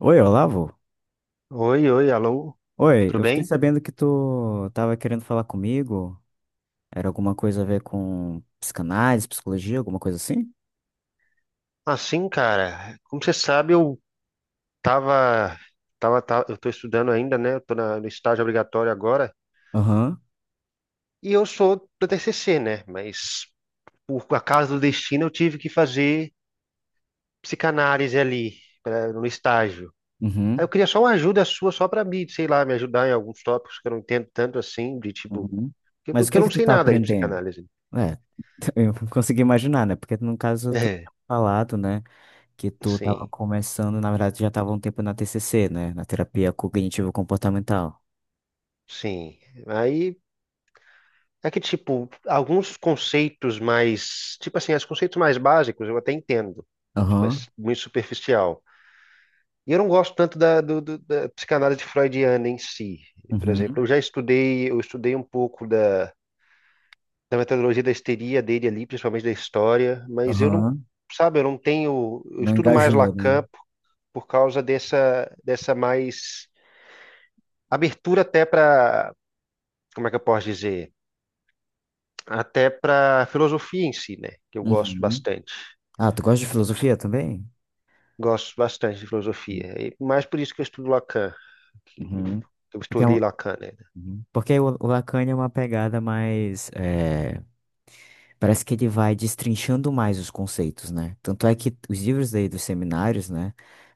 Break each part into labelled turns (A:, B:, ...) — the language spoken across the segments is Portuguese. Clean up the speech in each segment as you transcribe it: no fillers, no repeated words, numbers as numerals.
A: Oi, Olavo?
B: Oi, oi, alô,
A: Oi,
B: tudo
A: eu fiquei
B: bem?
A: sabendo que tu tava querendo falar comigo. Era alguma coisa a ver com psicanálise, psicologia, alguma coisa assim?
B: Assim, cara, como você sabe, eu tava, eu tô estudando ainda, né? Eu no estágio obrigatório agora
A: Aham.
B: e eu sou do TCC, né? Mas por acaso do destino eu tive que fazer psicanálise no estágio. Aí eu
A: Uhum.
B: queria só uma ajuda sua, só pra mim, sei lá, me ajudar em alguns tópicos que eu não entendo tanto assim, de tipo,
A: Uhum.
B: que,
A: Mas o
B: que
A: que
B: eu
A: é
B: não
A: que tu
B: sei
A: tá
B: nada de
A: aprendendo?
B: psicanálise.
A: É, eu consegui imaginar, né? Porque no caso tu
B: É,
A: tinha falado, né, que tu tava
B: sim,
A: começando, na verdade já tava um tempo na TCC, né, na terapia cognitivo-comportamental.
B: sim. Aí é que, tipo, alguns conceitos mais, tipo assim, os conceitos mais básicos eu até entendo, tipo, é
A: Aham.
B: muito superficial. E eu não gosto tanto da psicanálise freudiana em si. Por exemplo,
A: Uhum.
B: eu estudei um pouco da metodologia da histeria dele ali, principalmente da história, mas eu não,
A: Aham.
B: sabe, eu não tenho, eu
A: Não
B: estudo mais
A: engajou, né?
B: Lacan por causa dessa, dessa mais abertura até para, como é que eu posso dizer? Até para filosofia em si, né? Que eu gosto
A: Uhum.
B: bastante.
A: Ah, tu gosta de filosofia também?
B: Gosto bastante de filosofia. E mais por isso que eu estudo Lacan. Que
A: Uhum.
B: eu
A: É Porque é um
B: estudei Lacan, né?
A: Uhum. Porque o Lacan é uma pegada mais, parece que ele vai destrinchando mais os conceitos, né? Tanto é que os livros dele dos seminários, né?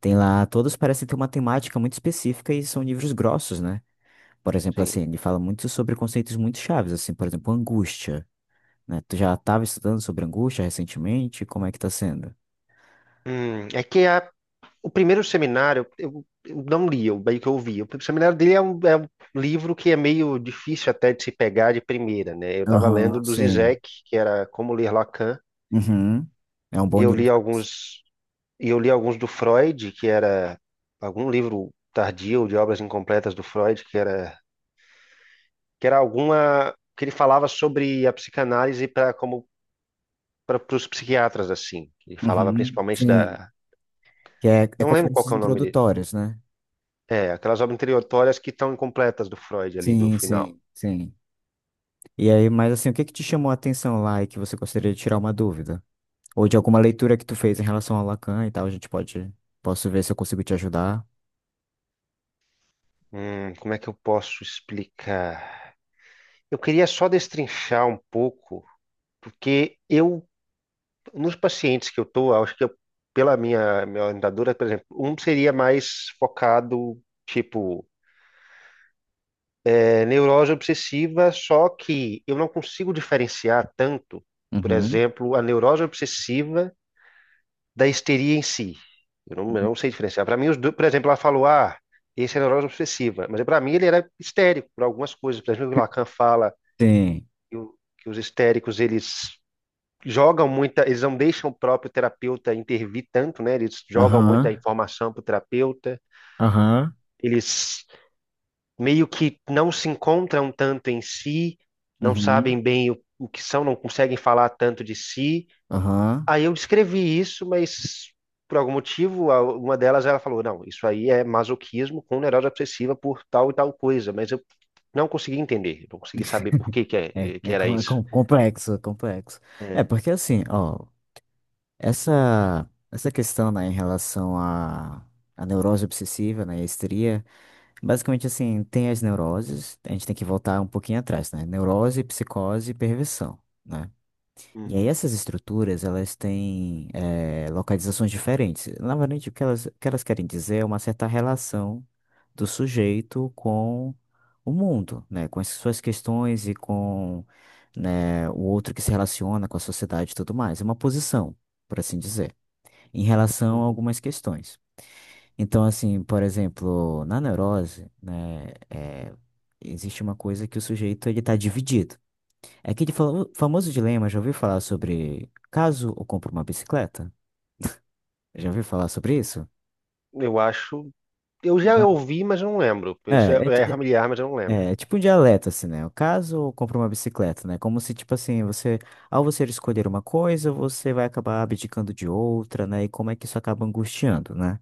A: Tem lá, todos parecem ter uma temática muito específica e são livros grossos, né? Por exemplo,
B: Sim.
A: assim, ele fala muito sobre conceitos muito chaves, assim, por exemplo, angústia, né? Tu já estava estudando sobre angústia recentemente? Como é que tá sendo?
B: É o primeiro seminário, eu não li, eu meio que ouvi. O primeiro seminário dele é é um livro que é meio difícil até de se pegar de primeira, né? Eu estava lendo
A: Aham,
B: do
A: sim.
B: Zizek, que era Como Ler Lacan,
A: Uhum. É um
B: e
A: bom
B: eu li
A: livro.
B: alguns, e eu li alguns do Freud, que era algum livro tardio de obras incompletas do Freud, que era alguma, que ele falava sobre a psicanálise para como para os psiquiatras, assim. Ele falava
A: Uhum,
B: principalmente
A: sim.
B: da.
A: Que é
B: Não lembro qual
A: conferências
B: que é o nome dele.
A: introdutórias, né?
B: É, aquelas obras introdutórias que estão incompletas do Freud ali, do
A: Sim,
B: final.
A: sim, sim. E aí, mas assim, o que que te chamou a atenção lá e que você gostaria de tirar uma dúvida? Ou de alguma leitura que tu fez em relação ao Lacan e tal, posso ver se eu consigo te ajudar.
B: Como é que eu posso explicar? Eu queria só destrinchar um pouco, porque eu, nos pacientes que eu estou, acho que eu, pela minha orientadora, por exemplo, um seria mais focado, tipo, é, neurose obsessiva, só que eu não consigo diferenciar tanto, por
A: Uhum.
B: exemplo, a neurose obsessiva da histeria em si. Eu não sei diferenciar. Para mim, os dois, por exemplo, ela falou, ah, esse é neurose obsessiva. Mas para mim ele era histérico por algumas coisas. Por exemplo, o Lacan fala
A: Sim.
B: que os histéricos, eles jogam muita, eles não deixam o próprio terapeuta intervir tanto, né? Eles jogam muita
A: Aham.
B: informação para o terapeuta.
A: Aham.
B: Eles meio que não se encontram tanto em si, não
A: Uhum.
B: sabem bem o que são, não conseguem falar tanto de si.
A: Aham.
B: Aí eu descrevi isso, mas por algum motivo, uma delas ela falou: não, isso aí é masoquismo com neurose obsessiva por tal e tal coisa, mas eu não consegui entender, não consegui saber por que
A: É,
B: que
A: é,
B: era
A: com- é
B: isso.
A: com- complexo. É,
B: É.
A: porque assim, ó, essa questão, né, em relação à neurose obsessiva, né, e a histeria, basicamente assim, tem as neuroses, a gente tem que voltar um pouquinho atrás, né? Neurose, psicose e perversão, né? E aí
B: Uhum,
A: essas estruturas, elas têm localizações diferentes. Na verdade, o que elas querem dizer é uma certa relação do sujeito com o mundo, né? Com as suas questões e com, né, o outro que se relaciona com a sociedade e tudo mais. É uma posição, por assim dizer, em relação a
B: uhum.
A: algumas questões. Então, assim, por exemplo, na neurose, né, existe uma coisa que o sujeito ele está dividido. É aquele famoso dilema, já ouviu falar sobre caso eu compro uma bicicleta? Já ouviu falar sobre isso?
B: Eu acho. Eu já
A: Não.
B: ouvi, mas eu não lembro.
A: É, é, ti-
B: É familiar, mas eu não lembro.
A: é tipo um dialeto, assim, né? O caso eu compro uma bicicleta, né? Como se, tipo assim, você, ao você escolher uma coisa, você vai acabar abdicando de outra, né? E como é que isso acaba angustiando, né?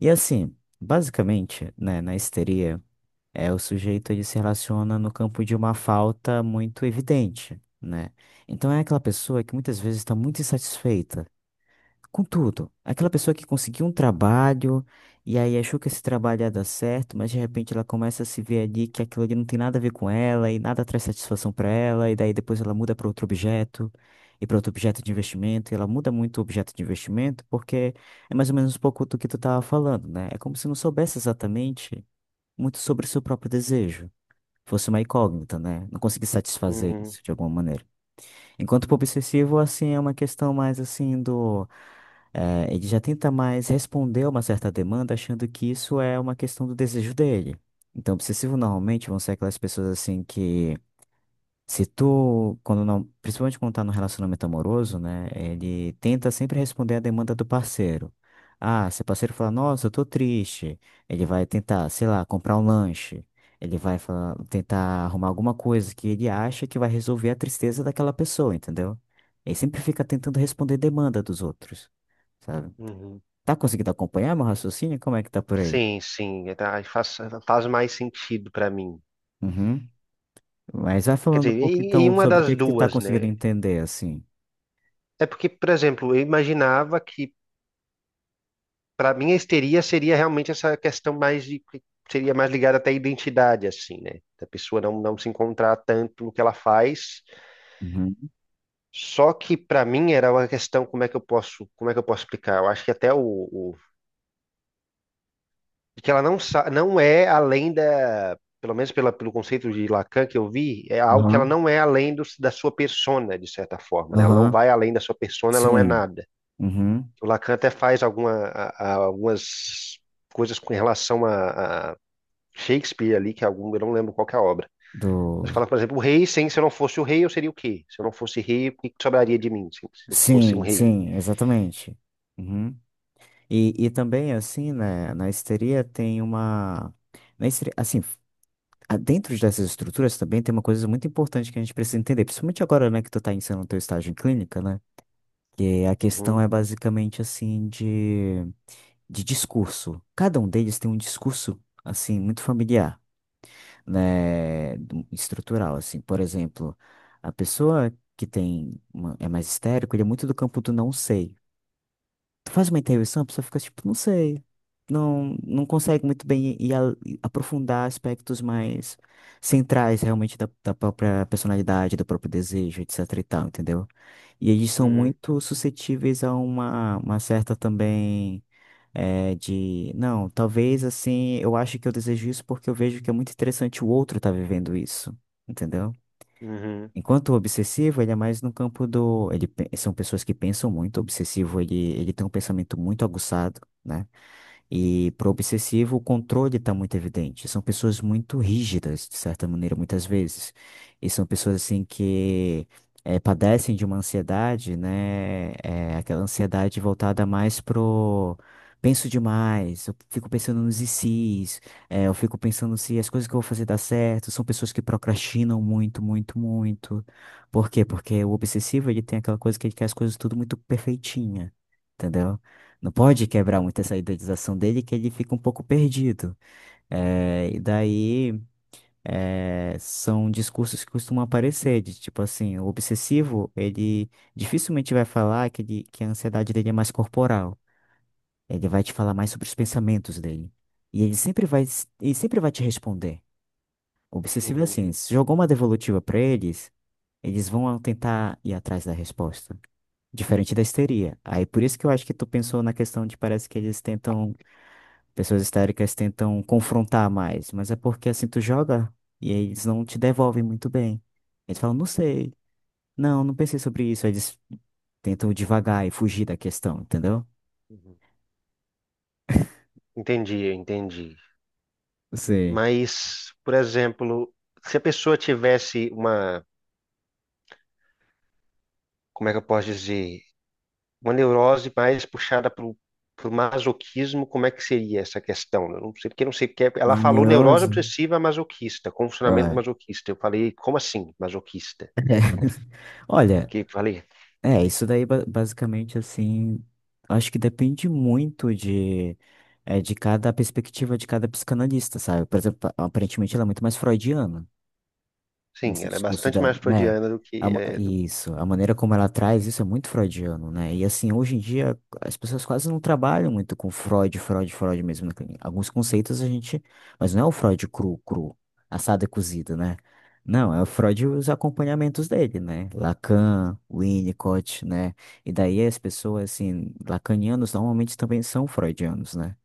A: E assim, basicamente, né, na histeria, é o sujeito ele se relaciona no campo de uma falta muito evidente, né? Então é aquela pessoa que muitas vezes está muito insatisfeita com tudo. Aquela pessoa que conseguiu um trabalho e aí achou que esse trabalho ia dar certo, mas de repente ela começa a se ver ali que aquilo ali não tem nada a ver com ela e nada traz satisfação para ela, e
B: Uhum.
A: daí depois ela muda para outro objeto e para outro objeto de investimento, e ela muda muito o objeto de investimento porque é mais ou menos um pouco do que tu tava falando, né? É como se não soubesse exatamente muito sobre o seu próprio desejo. Fosse uma incógnita, né? Não conseguisse satisfazer
B: Uhum,
A: isso de alguma maneira. Enquanto pro obsessivo, assim, é uma questão mais assim do. Ele já tenta mais responder a uma certa demanda, achando que isso é uma questão do desejo dele. Então, obsessivo normalmente vão ser aquelas pessoas assim que se tu, quando não, principalmente quando tá no relacionamento amoroso, né, ele tenta sempre responder a demanda do parceiro. Ah, se o parceiro falar, nossa, eu tô triste, ele vai tentar, sei lá, comprar um lanche. Ele vai tentar arrumar alguma coisa que ele acha que vai resolver a tristeza daquela pessoa, entendeu? Ele sempre fica tentando responder demanda dos outros, sabe?
B: uhum.
A: Tá conseguindo acompanhar meu raciocínio? Como é que tá por aí?
B: Sim, sim. É, tá, aí faz mais sentido para mim.
A: Uhum. Mas vai
B: Quer
A: falando
B: dizer,
A: um pouco
B: em
A: então
B: uma
A: sobre o
B: das
A: que que tu tá
B: duas,
A: conseguindo
B: né?
A: entender, assim.
B: É porque, por exemplo, eu imaginava que para mim, a histeria seria realmente essa questão mais de, que seria mais ligada até à identidade, assim, né? Da pessoa não, não se encontrar tanto no que ela faz.
A: Uhum.
B: Só que para mim era uma questão como é que eu posso, como é que eu posso explicar? Eu acho que até o de que ela não é além da, pelo menos pela, pelo conceito de Lacan que eu vi, é algo que ela
A: Aham.
B: não é além do, da sua persona, de certa forma, né? Ela não
A: Aham,
B: vai além da sua persona, ela não é
A: sim.
B: nada.
A: Uhum.
B: O Lacan até faz alguma, algumas coisas com relação Shakespeare ali, que é algum, eu não lembro qual que é a obra.
A: Do...
B: Mas fala, por exemplo, o rei, sem, se eu não fosse o rei, eu seria o quê? Se eu não fosse rei, o que que sobraria de mim se eu fosse um
A: Sim,
B: rei?
A: sim, exatamente. Uhum. E também, assim, né, na histeria tem uma. Na histeria, assim, dentro dessas estruturas também tem uma coisa muito importante que a gente precisa entender, principalmente agora, né, que tu tá iniciando o teu estágio em clínica, né, que a questão
B: Uhum,
A: é basicamente, assim, de, discurso. Cada um deles tem um discurso, assim, muito familiar, né, estrutural, assim. Por exemplo, a pessoa que tem é mais histérico, ele é muito do campo do não sei. Tu faz uma intervenção, a pessoa fica tipo, não sei. Não, não consegue muito bem e aprofundar aspectos mais centrais realmente da própria personalidade, do próprio desejo, etc e tal, entendeu? E eles são
B: uhum,
A: muito suscetíveis a uma certa também é de, não, talvez assim, eu acho que eu desejo isso porque eu vejo que é muito interessante o outro estar vivendo isso, entendeu?
B: uhum,
A: Enquanto o obsessivo, ele é mais no campo do, são pessoas que pensam muito, o obsessivo, ele tem um pensamento muito aguçado, né? E para o obsessivo, o controle está muito evidente. São pessoas muito rígidas, de certa maneira, muitas vezes. E são pessoas assim que padecem de uma ansiedade, né? Aquela ansiedade voltada mais pro penso demais, eu fico pensando nos e se's, eu fico pensando se as coisas que eu vou fazer dá certo. São pessoas que procrastinam muito, muito, muito. Por quê? Porque o obsessivo ele tem aquela coisa que ele quer as coisas tudo muito perfeitinha, entendeu? Não pode quebrar muito essa idealização dele, que ele fica um pouco perdido. E daí são discursos que costumam aparecer, de tipo assim, o obsessivo, ele dificilmente vai falar que, ele, que a ansiedade dele é mais corporal. Ele vai te falar mais sobre os pensamentos dele. E ele sempre vai te responder. O obsessivo é
B: uhum,
A: assim, se jogou uma devolutiva pra eles, eles vão tentar ir atrás da resposta. Diferente da histeria. Aí por isso que eu acho que tu pensou na questão de parece que eles tentam. Pessoas histéricas tentam confrontar mais, mas é porque assim tu joga e aí eles não te devolvem muito bem. Eles falam, não sei, não, não pensei sobre isso. Aí eles tentam devagar e fugir da questão, entendeu?
B: uhum. Entendi, entendi.
A: Você.
B: Mas, por exemplo, se a pessoa tivesse uma, como é que eu posso dizer, uma neurose mais puxada para o masoquismo, como é que seria essa questão? Eu não sei porque eu não sei porque ela
A: Uma
B: falou neurose
A: neurose?
B: obsessiva masoquista, com funcionamento
A: É.
B: masoquista. Eu falei, como assim, masoquista? É.
A: Olha,
B: Que falei,
A: é, isso daí basicamente assim, acho que depende muito de cada perspectiva de cada psicanalista, sabe? Por exemplo, aparentemente ela é muito mais freudiana
B: sim,
A: nesse
B: ela é
A: discurso
B: bastante
A: dela,
B: mais
A: né?
B: freudiana do que é do.
A: Isso, a maneira como ela traz isso é muito freudiano, né? E assim, hoje em dia as pessoas quase não trabalham muito com Freud, Freud, Freud mesmo, né? Tem alguns conceitos a gente, mas não é o Freud cru, cru, assado e cozido, né? Não, é o Freud e os acompanhamentos dele, né? Lacan, Winnicott, né? E daí as pessoas, assim, lacanianos normalmente também são freudianos, né?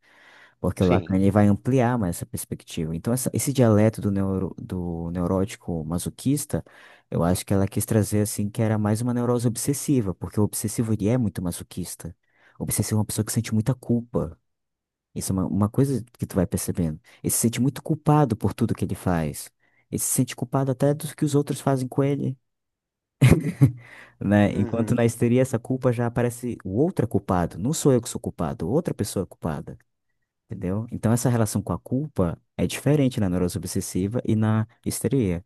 A: Porque o
B: Sim.
A: Lacan ele vai ampliar mais essa perspectiva. Então, esse dialeto do neurótico masoquista, eu acho que ela quis trazer assim que era mais uma neurose obsessiva, porque o obsessivo ele é muito masoquista. O obsessivo é uma pessoa que sente muita culpa. Isso é uma coisa que tu vai percebendo. Ele se sente muito culpado por tudo que ele faz. Ele se sente culpado até dos que os outros fazem com ele, né? Enquanto na
B: Uhum.
A: histeria essa culpa já aparece o outro é culpado. Não sou eu que sou culpado, outra pessoa é culpada. Entendeu? Então, essa relação com a culpa é diferente na neurose obsessiva e na histeria.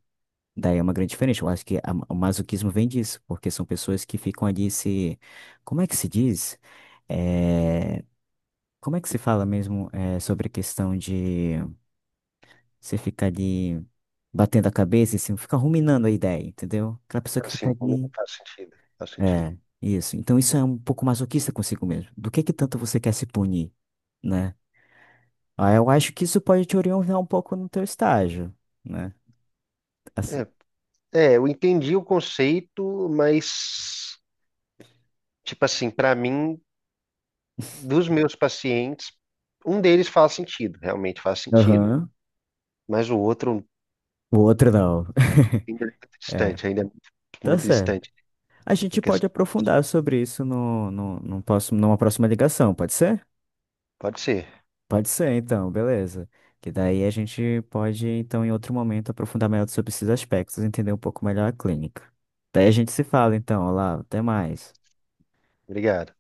A: Daí é uma grande diferença. Eu acho que o masoquismo vem disso, porque são pessoas que ficam ali se. Como é que se diz? É, Como é que se fala mesmo sobre a questão de você ficar ali batendo a cabeça e assim, ficar ruminando a ideia, entendeu? Aquela pessoa que fica
B: Assim, comigo
A: ali.
B: faz sentido. Faz sentido.
A: É, isso. Então, isso é um pouco masoquista consigo mesmo. Do que tanto você quer se punir, né? Ah, eu acho que isso pode te orientar um pouco no teu estágio, né? Assim.
B: É, é, eu entendi o conceito, mas, tipo assim, para mim, dos meus pacientes, um deles faz sentido, realmente faz sentido.
A: Aham.
B: Mas o outro
A: O outro não.
B: ainda é muito
A: É,
B: distante, ainda é muito,
A: tá
B: muito
A: certo.
B: distante
A: A
B: da
A: gente pode
B: questão.
A: aprofundar sobre isso no próximo, numa próxima ligação, pode ser?
B: Pode ser.
A: Pode ser, então, beleza. Que daí a gente pode, então, em outro momento, aprofundar melhor sobre esses aspectos, entender um pouco melhor a clínica. Daí a gente se fala, então, Olá, até mais.
B: Obrigado.